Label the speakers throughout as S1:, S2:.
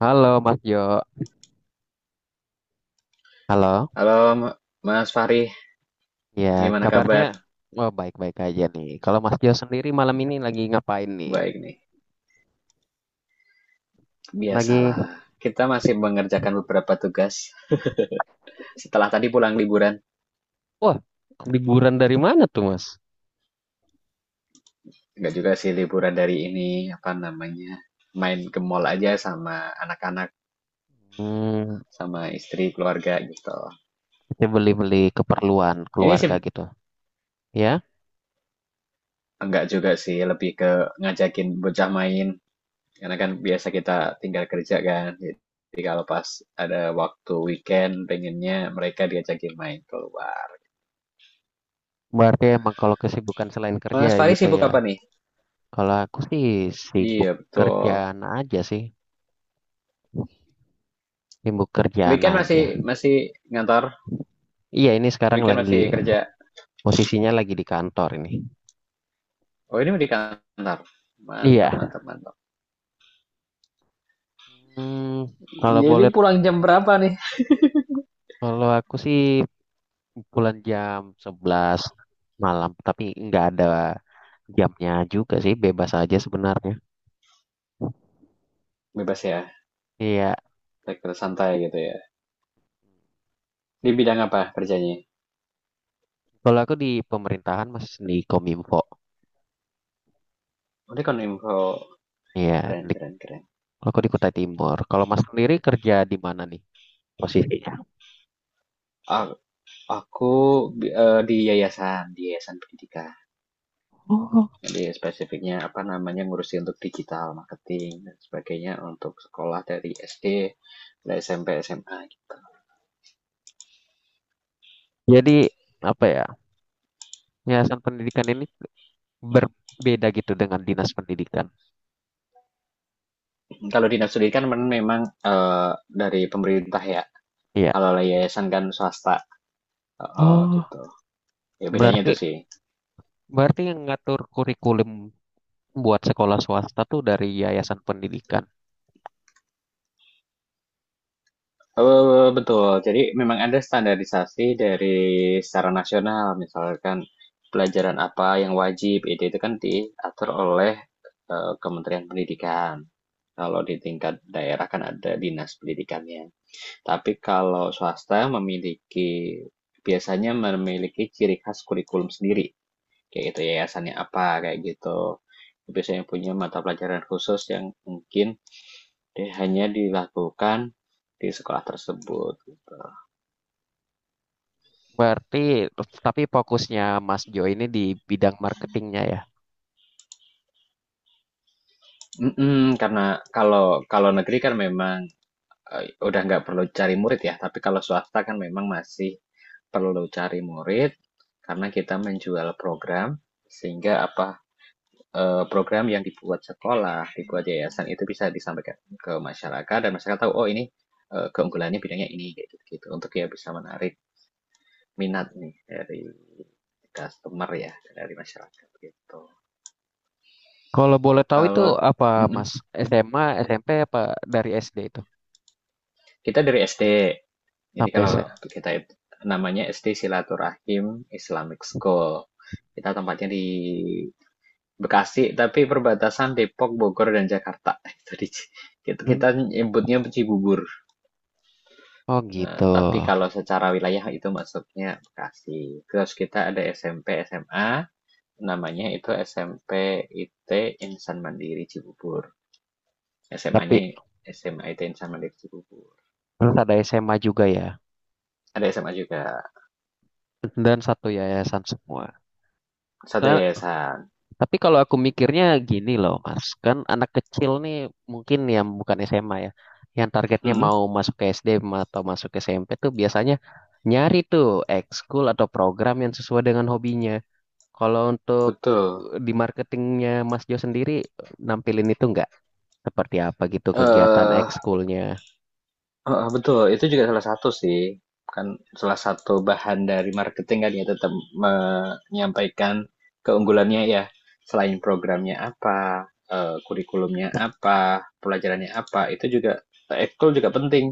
S1: Halo Mas Jo, halo.
S2: Halo Mas Fahri,
S1: Ya,
S2: gimana
S1: kabarnya
S2: kabar?
S1: oh, baik-baik aja nih. Kalau Mas Jo sendiri malam ini lagi ngapain nih?
S2: Baik nih,
S1: Lagi,
S2: biasalah. Kita masih mengerjakan beberapa tugas setelah tadi pulang liburan.
S1: wah, liburan dari mana tuh Mas?
S2: Enggak juga sih liburan dari ini, apa namanya, main ke mall aja sama anak-anak,
S1: Hmm,
S2: sama istri, keluarga gitu.
S1: kita beli-beli keperluan
S2: Ini sih
S1: keluarga gitu. Ya,
S2: enggak juga sih, lebih ke ngajakin bocah main. Karena kan biasa kita tinggal kerja kan. Jadi kalau pas ada waktu weekend, pengennya mereka diajakin main keluar.
S1: berarti emang kalau kesibukan selain kerja
S2: Mas Fahri
S1: gitu
S2: sibuk
S1: ya.
S2: apa nih?
S1: Kalau aku sih sibuk
S2: Iya, betul.
S1: kerjaan aja sih, sibuk kerjaan
S2: Weekend masih
S1: aja.
S2: masih ngantor,
S1: Iya, ini sekarang
S2: weekend
S1: lagi
S2: masih kerja.
S1: posisinya lagi di kantor ini.
S2: Oh, ini di kantor. Mantap,
S1: Iya.
S2: mantap, mantap.
S1: Hmm, kalau
S2: Jadi
S1: boleh,
S2: pulang jam berapa nih?
S1: kalau aku sih pulang jam 11 malam, tapi nggak ada jamnya juga sih, bebas aja sebenarnya.
S2: Bebas ya,
S1: Iya,
S2: sektor santai gitu ya. Di bidang apa kerjanya?
S1: kalau aku di pemerintahan mas di Kominfo.
S2: Oh, ini kan info
S1: Iya,
S2: keren,
S1: di,
S2: keren, keren.
S1: aku di Kutai Timur. Kalau mas sendiri kerja di mana nih posisinya?
S2: A- Aku, di yayasan pendidikan.
S1: Oh.
S2: Jadi spesifiknya apa namanya ngurusin untuk digital marketing dan sebagainya untuk sekolah dari SD, dari SMP, SMA.
S1: Jadi apa ya? Yayasan pendidikan ini berbeda gitu dengan dinas pendidikan.
S2: Kalau dinas pendidikan memang dari pemerintah ya.
S1: Iya.
S2: Kalau yayasan kan swasta,
S1: Oh,
S2: gitu. Ya bedanya itu
S1: berarti
S2: sih.
S1: berarti yang ngatur kurikulum buat sekolah swasta tuh dari yayasan pendidikan.
S2: Betul. Jadi memang ada standarisasi dari secara nasional. Misalkan pelajaran apa yang wajib, itu kan diatur oleh Kementerian Pendidikan. Kalau di tingkat daerah kan ada dinas pendidikannya. Tapi kalau swasta memiliki, biasanya memiliki ciri khas kurikulum sendiri, kayak gitu yayasannya apa, kayak gitu biasanya punya mata pelajaran khusus yang mungkin dia hanya dilakukan di sekolah tersebut gitu.
S1: Berarti, tapi fokusnya Mas Jo ini di bidang marketingnya ya.
S2: Mm-mm, karena kalau kalau negeri kan memang, udah nggak perlu cari murid ya, tapi kalau swasta kan memang masih perlu cari murid, karena kita menjual program sehingga apa, program yang dibuat sekolah, dibuat yayasan itu bisa disampaikan ke masyarakat dan masyarakat tahu, oh ini, keunggulannya bidangnya ini kayak gitu-gitu, untuk ya bisa menarik minat nih dari customer, ya dari masyarakat gitu.
S1: Kalau boleh tahu itu
S2: Kalau,
S1: apa
S2: mm-mm.
S1: Mas? SMA, SMP apa dari SD itu
S2: Kita dari SD, jadi
S1: sampai
S2: kalau
S1: SMA?
S2: kita namanya SD Silaturahim Islamic School. Kita tempatnya di Bekasi, tapi perbatasan Depok, Bogor, dan Jakarta. Itu di, kita nyebutnya Cibubur.
S1: Oh
S2: Eh,
S1: gitu.
S2: tapi kalau secara wilayah itu masuknya Bekasi. Terus kita ada SMP, SMA, namanya itu SMP IT Insan Mandiri Cibubur.
S1: Tapi
S2: SMA-nya SMA IT Insan Mandiri Cibubur.
S1: terus ada SMA juga ya.
S2: Ada SMA juga,
S1: Dan satu yayasan semua.
S2: satu
S1: Nah,
S2: yayasan.
S1: tapi kalau aku mikirnya gini loh Mas, kan anak kecil nih mungkin yang bukan SMA ya, yang targetnya
S2: Mm-mm,
S1: mau masuk ke SD atau masuk ke SMP tuh biasanya nyari tuh ekskul atau program yang sesuai dengan hobinya. Kalau untuk
S2: betul.
S1: di marketingnya Mas Jo sendiri, nampilin itu nggak? Seperti apa gitu kegiatan
S2: Eh
S1: ekskulnya?
S2: Heeh, betul, itu juga salah satu sih, kan salah satu bahan dari marketing kan ya, tetap menyampaikan keunggulannya ya, selain programnya apa, kurikulumnya apa, pelajarannya apa, itu juga ekskul juga penting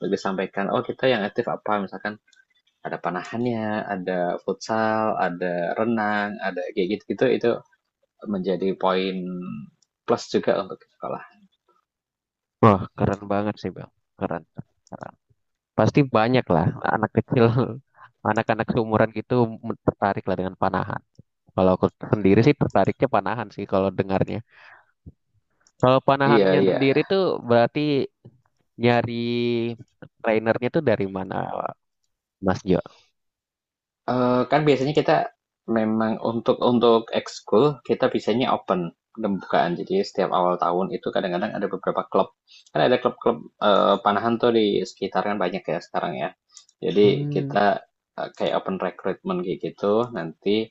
S2: untuk disampaikan. Oh kita yang aktif apa, misalkan ada panahannya, ada futsal, ada renang, ada kayak gitu-gitu, itu menjadi poin plus juga untuk sekolah.
S1: Wah, keren banget sih Bang. Keren. Pasti banyak lah anak kecil, anak-anak seumuran gitu tertarik lah dengan panahan. Kalau aku sendiri sih tertariknya panahan sih kalau dengarnya. Kalau
S2: Iya
S1: panahannya
S2: iya.
S1: sendiri tuh berarti nyari trainernya tuh dari mana Mas Jo?
S2: Kan biasanya kita memang untuk ekskul kita biasanya open, pembukaan. Jadi setiap awal tahun itu kadang-kadang ada beberapa klub. Kan ada klub-klub, panahan tuh di sekitar kan banyak ya sekarang ya. Jadi
S1: Hmm.
S2: kita, kayak open recruitment kayak gitu, nanti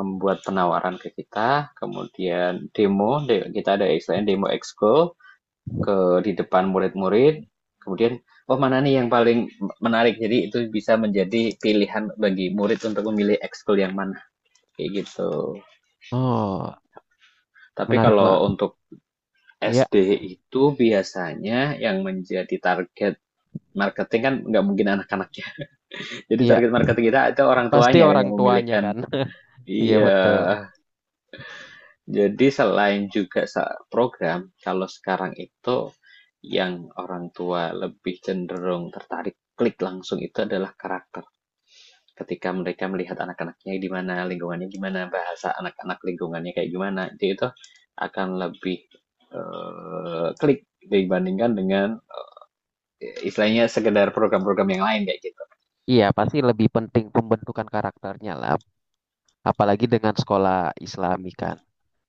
S2: membuat penawaran ke kita, kemudian demo kita ada istilahnya demo ekskul, ke di depan murid-murid, kemudian, "Oh, mana nih yang paling menarik?" Jadi itu bisa menjadi pilihan bagi murid untuk memilih ekskul yang mana, kayak gitu.
S1: Oh,
S2: Tapi
S1: menarik
S2: kalau
S1: Bang.
S2: untuk
S1: Iya,
S2: SD itu biasanya yang menjadi target marketing kan nggak mungkin anak-anaknya. Jadi
S1: iya.
S2: target marketing kita itu orang
S1: Pasti
S2: tuanya kan
S1: orang
S2: yang
S1: tuanya
S2: memilihkan.
S1: kan. Iya
S2: Iya,
S1: betul.
S2: jadi selain juga program, kalau sekarang itu yang orang tua lebih cenderung tertarik klik langsung itu adalah karakter. Ketika mereka melihat anak-anaknya gimana, lingkungannya gimana, bahasa anak-anak lingkungannya kayak gimana, dia itu akan lebih, klik dibandingkan dengan, istilahnya sekedar program-program yang lain kayak gitu.
S1: Iya pasti lebih penting pembentukan karakternya lah. Apalagi dengan sekolah Islami kan.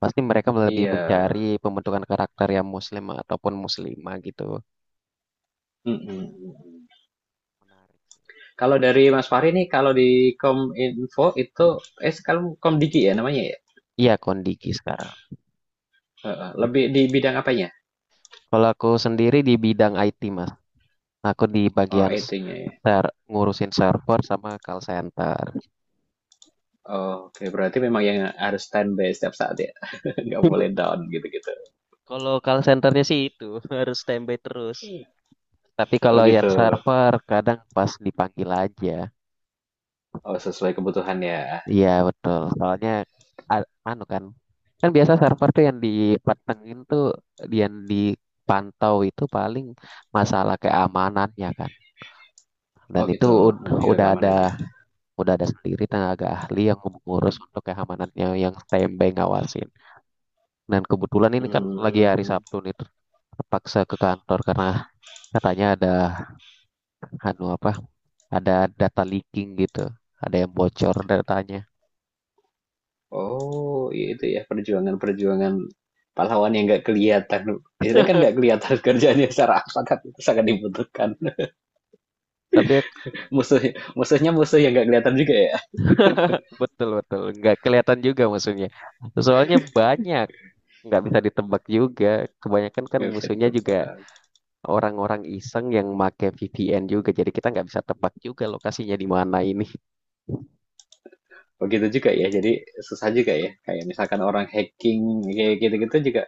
S1: Pasti mereka lebih
S2: Iya.
S1: mencari pembentukan karakter yang muslim ataupun muslimah gitu.
S2: Mm-mm.
S1: Iya, menarik sih.
S2: Kalau dari Mas Fahri nih, kalau di Kominfo itu, kalau Komdiki ya namanya ya,
S1: Iya kondisi sekarang.
S2: heeh, lebih di bidang apanya?
S1: Kalau aku sendiri di bidang IT mas, aku di
S2: Oh,
S1: bagian s-
S2: IT-nya ya.
S1: ser ngurusin server sama call center.
S2: Oh, oke, berarti memang yang harus standby setiap saat ya, nggak boleh down gitu-gitu.
S1: Kalau call centernya sih itu harus standby terus. Tapi
S2: Oh
S1: kalau yang
S2: gitu.
S1: server kadang pas dipanggil aja.
S2: Oh, sesuai kebutuhan ya.
S1: Iya betul. Soalnya anu kan biasa server tuh yang dipantengin tuh yang dipantau itu paling masalah keamanannya kan. Dan
S2: Oh
S1: itu
S2: gitu, lebih ke
S1: udah ada
S2: keamanannya.
S1: udah ada sendiri tenaga ahli yang mengurus untuk keamanannya yang standby ngawasin. Dan kebetulan ini kan lagi hari
S2: Hmm.
S1: Sabtu nih terpaksa ke kantor karena katanya ada anu apa ada data leaking gitu, ada yang bocor datanya.
S2: Oh, ya itu ya perjuangan-perjuangan pahlawan yang nggak kelihatan. Istilahnya kan nggak kelihatan kerjanya secara apa, kan itu sangat dibutuhkan.
S1: Tapi
S2: Musuh Musuhnya musuh yang nggak kelihatan juga ya.
S1: Betul betul nggak kelihatan juga musuhnya. Soalnya banyak nggak bisa ditebak juga. Kebanyakan kan
S2: Nggak bisa
S1: musuhnya juga
S2: ditebak.
S1: orang-orang iseng yang make VPN juga. Jadi kita nggak bisa tebak juga lokasinya di mana ini.
S2: Begitu juga ya. Jadi susah juga ya. Kayak misalkan orang hacking kayak gitu-gitu juga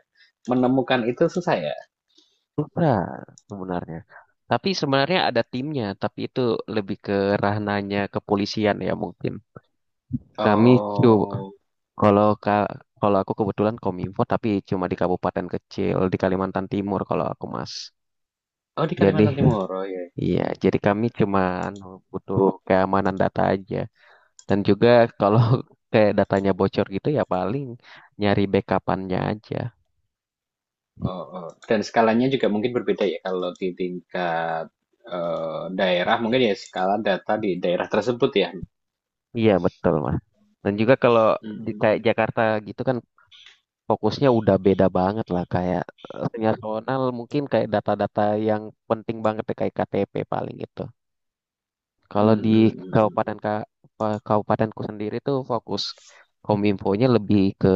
S2: menemukan itu susah ya.
S1: Susah sebenarnya. Tapi sebenarnya ada timnya. Tapi itu lebih ke ranahnya kepolisian ya mungkin. Kami coba
S2: Oh,
S1: kalau ka- kalau aku kebetulan kominfo tapi cuma di kabupaten kecil di Kalimantan Timur kalau aku mas.
S2: oh, di
S1: Jadi
S2: Kalimantan Timur. Oh ya.
S1: Iya, jadi kami cuma anu, butuh keamanan data aja. Dan juga kalau kayak datanya bocor gitu ya paling nyari backupannya aja.
S2: Oh, oh. Dan skalanya juga mungkin berbeda ya, kalau di tingkat, daerah mungkin ya, skala data di daerah tersebut ya.
S1: Iya betul mas. Dan juga kalau
S2: Mm,
S1: di kayak
S2: mm, mm.
S1: Jakarta gitu kan fokusnya udah beda banget lah kayak nasional mungkin kayak data-data yang penting banget ya, kayak KTP paling gitu. Kalau
S2: Mm,
S1: di
S2: mm, mm,
S1: kabupaten
S2: mm.
S1: kabupatenku sendiri tuh fokus kominfonya lebih ke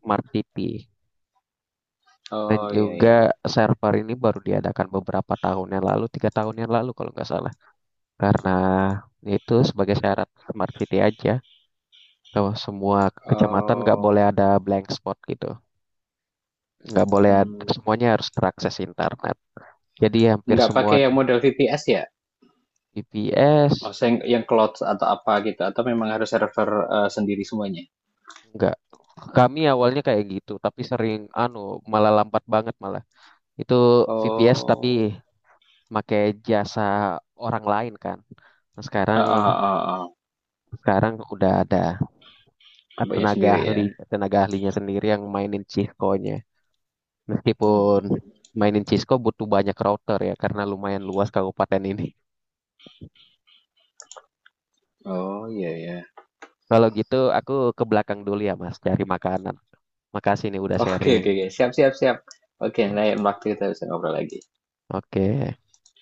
S1: smart city. Dan
S2: Oh iya
S1: juga
S2: iya.
S1: server ini baru diadakan beberapa tahun yang lalu, 3 tahun yang lalu kalau nggak salah. Karena itu sebagai syarat smart city aja. Kalau semua kecamatan nggak boleh
S2: Oh,
S1: ada blank spot gitu. Nggak boleh ada,
S2: mm.
S1: semuanya harus terakses internet. Jadi hampir
S2: Nggak
S1: semua
S2: pakai yang model VPS ya?
S1: BPS,
S2: Maksudnya yang, cloud atau apa gitu? Atau memang harus server, sendiri semuanya?
S1: nggak. Kami awalnya kayak gitu, tapi sering anu malah lambat banget malah. Itu VPS tapi
S2: Oh,
S1: pakai jasa orang lain kan. Nah,
S2: ah,
S1: sekarang
S2: ah, ah, ah.
S1: sekarang udah ada
S2: Apanya
S1: tenaga
S2: sendiri ya?
S1: ahli tenaga ahlinya sendiri yang mainin Cisco-nya. Meskipun
S2: Mm.
S1: mainin Cisco butuh banyak router ya karena lumayan luas kabupaten ini.
S2: Oh iya iya.
S1: Kalau gitu aku ke belakang dulu ya Mas cari makanan. Makasih nih udah
S2: Oke
S1: sharing.
S2: oke oke. Siap siap siap. Oke,
S1: Oh,
S2: lain waktu kita bisa ngobrol lagi.
S1: oke.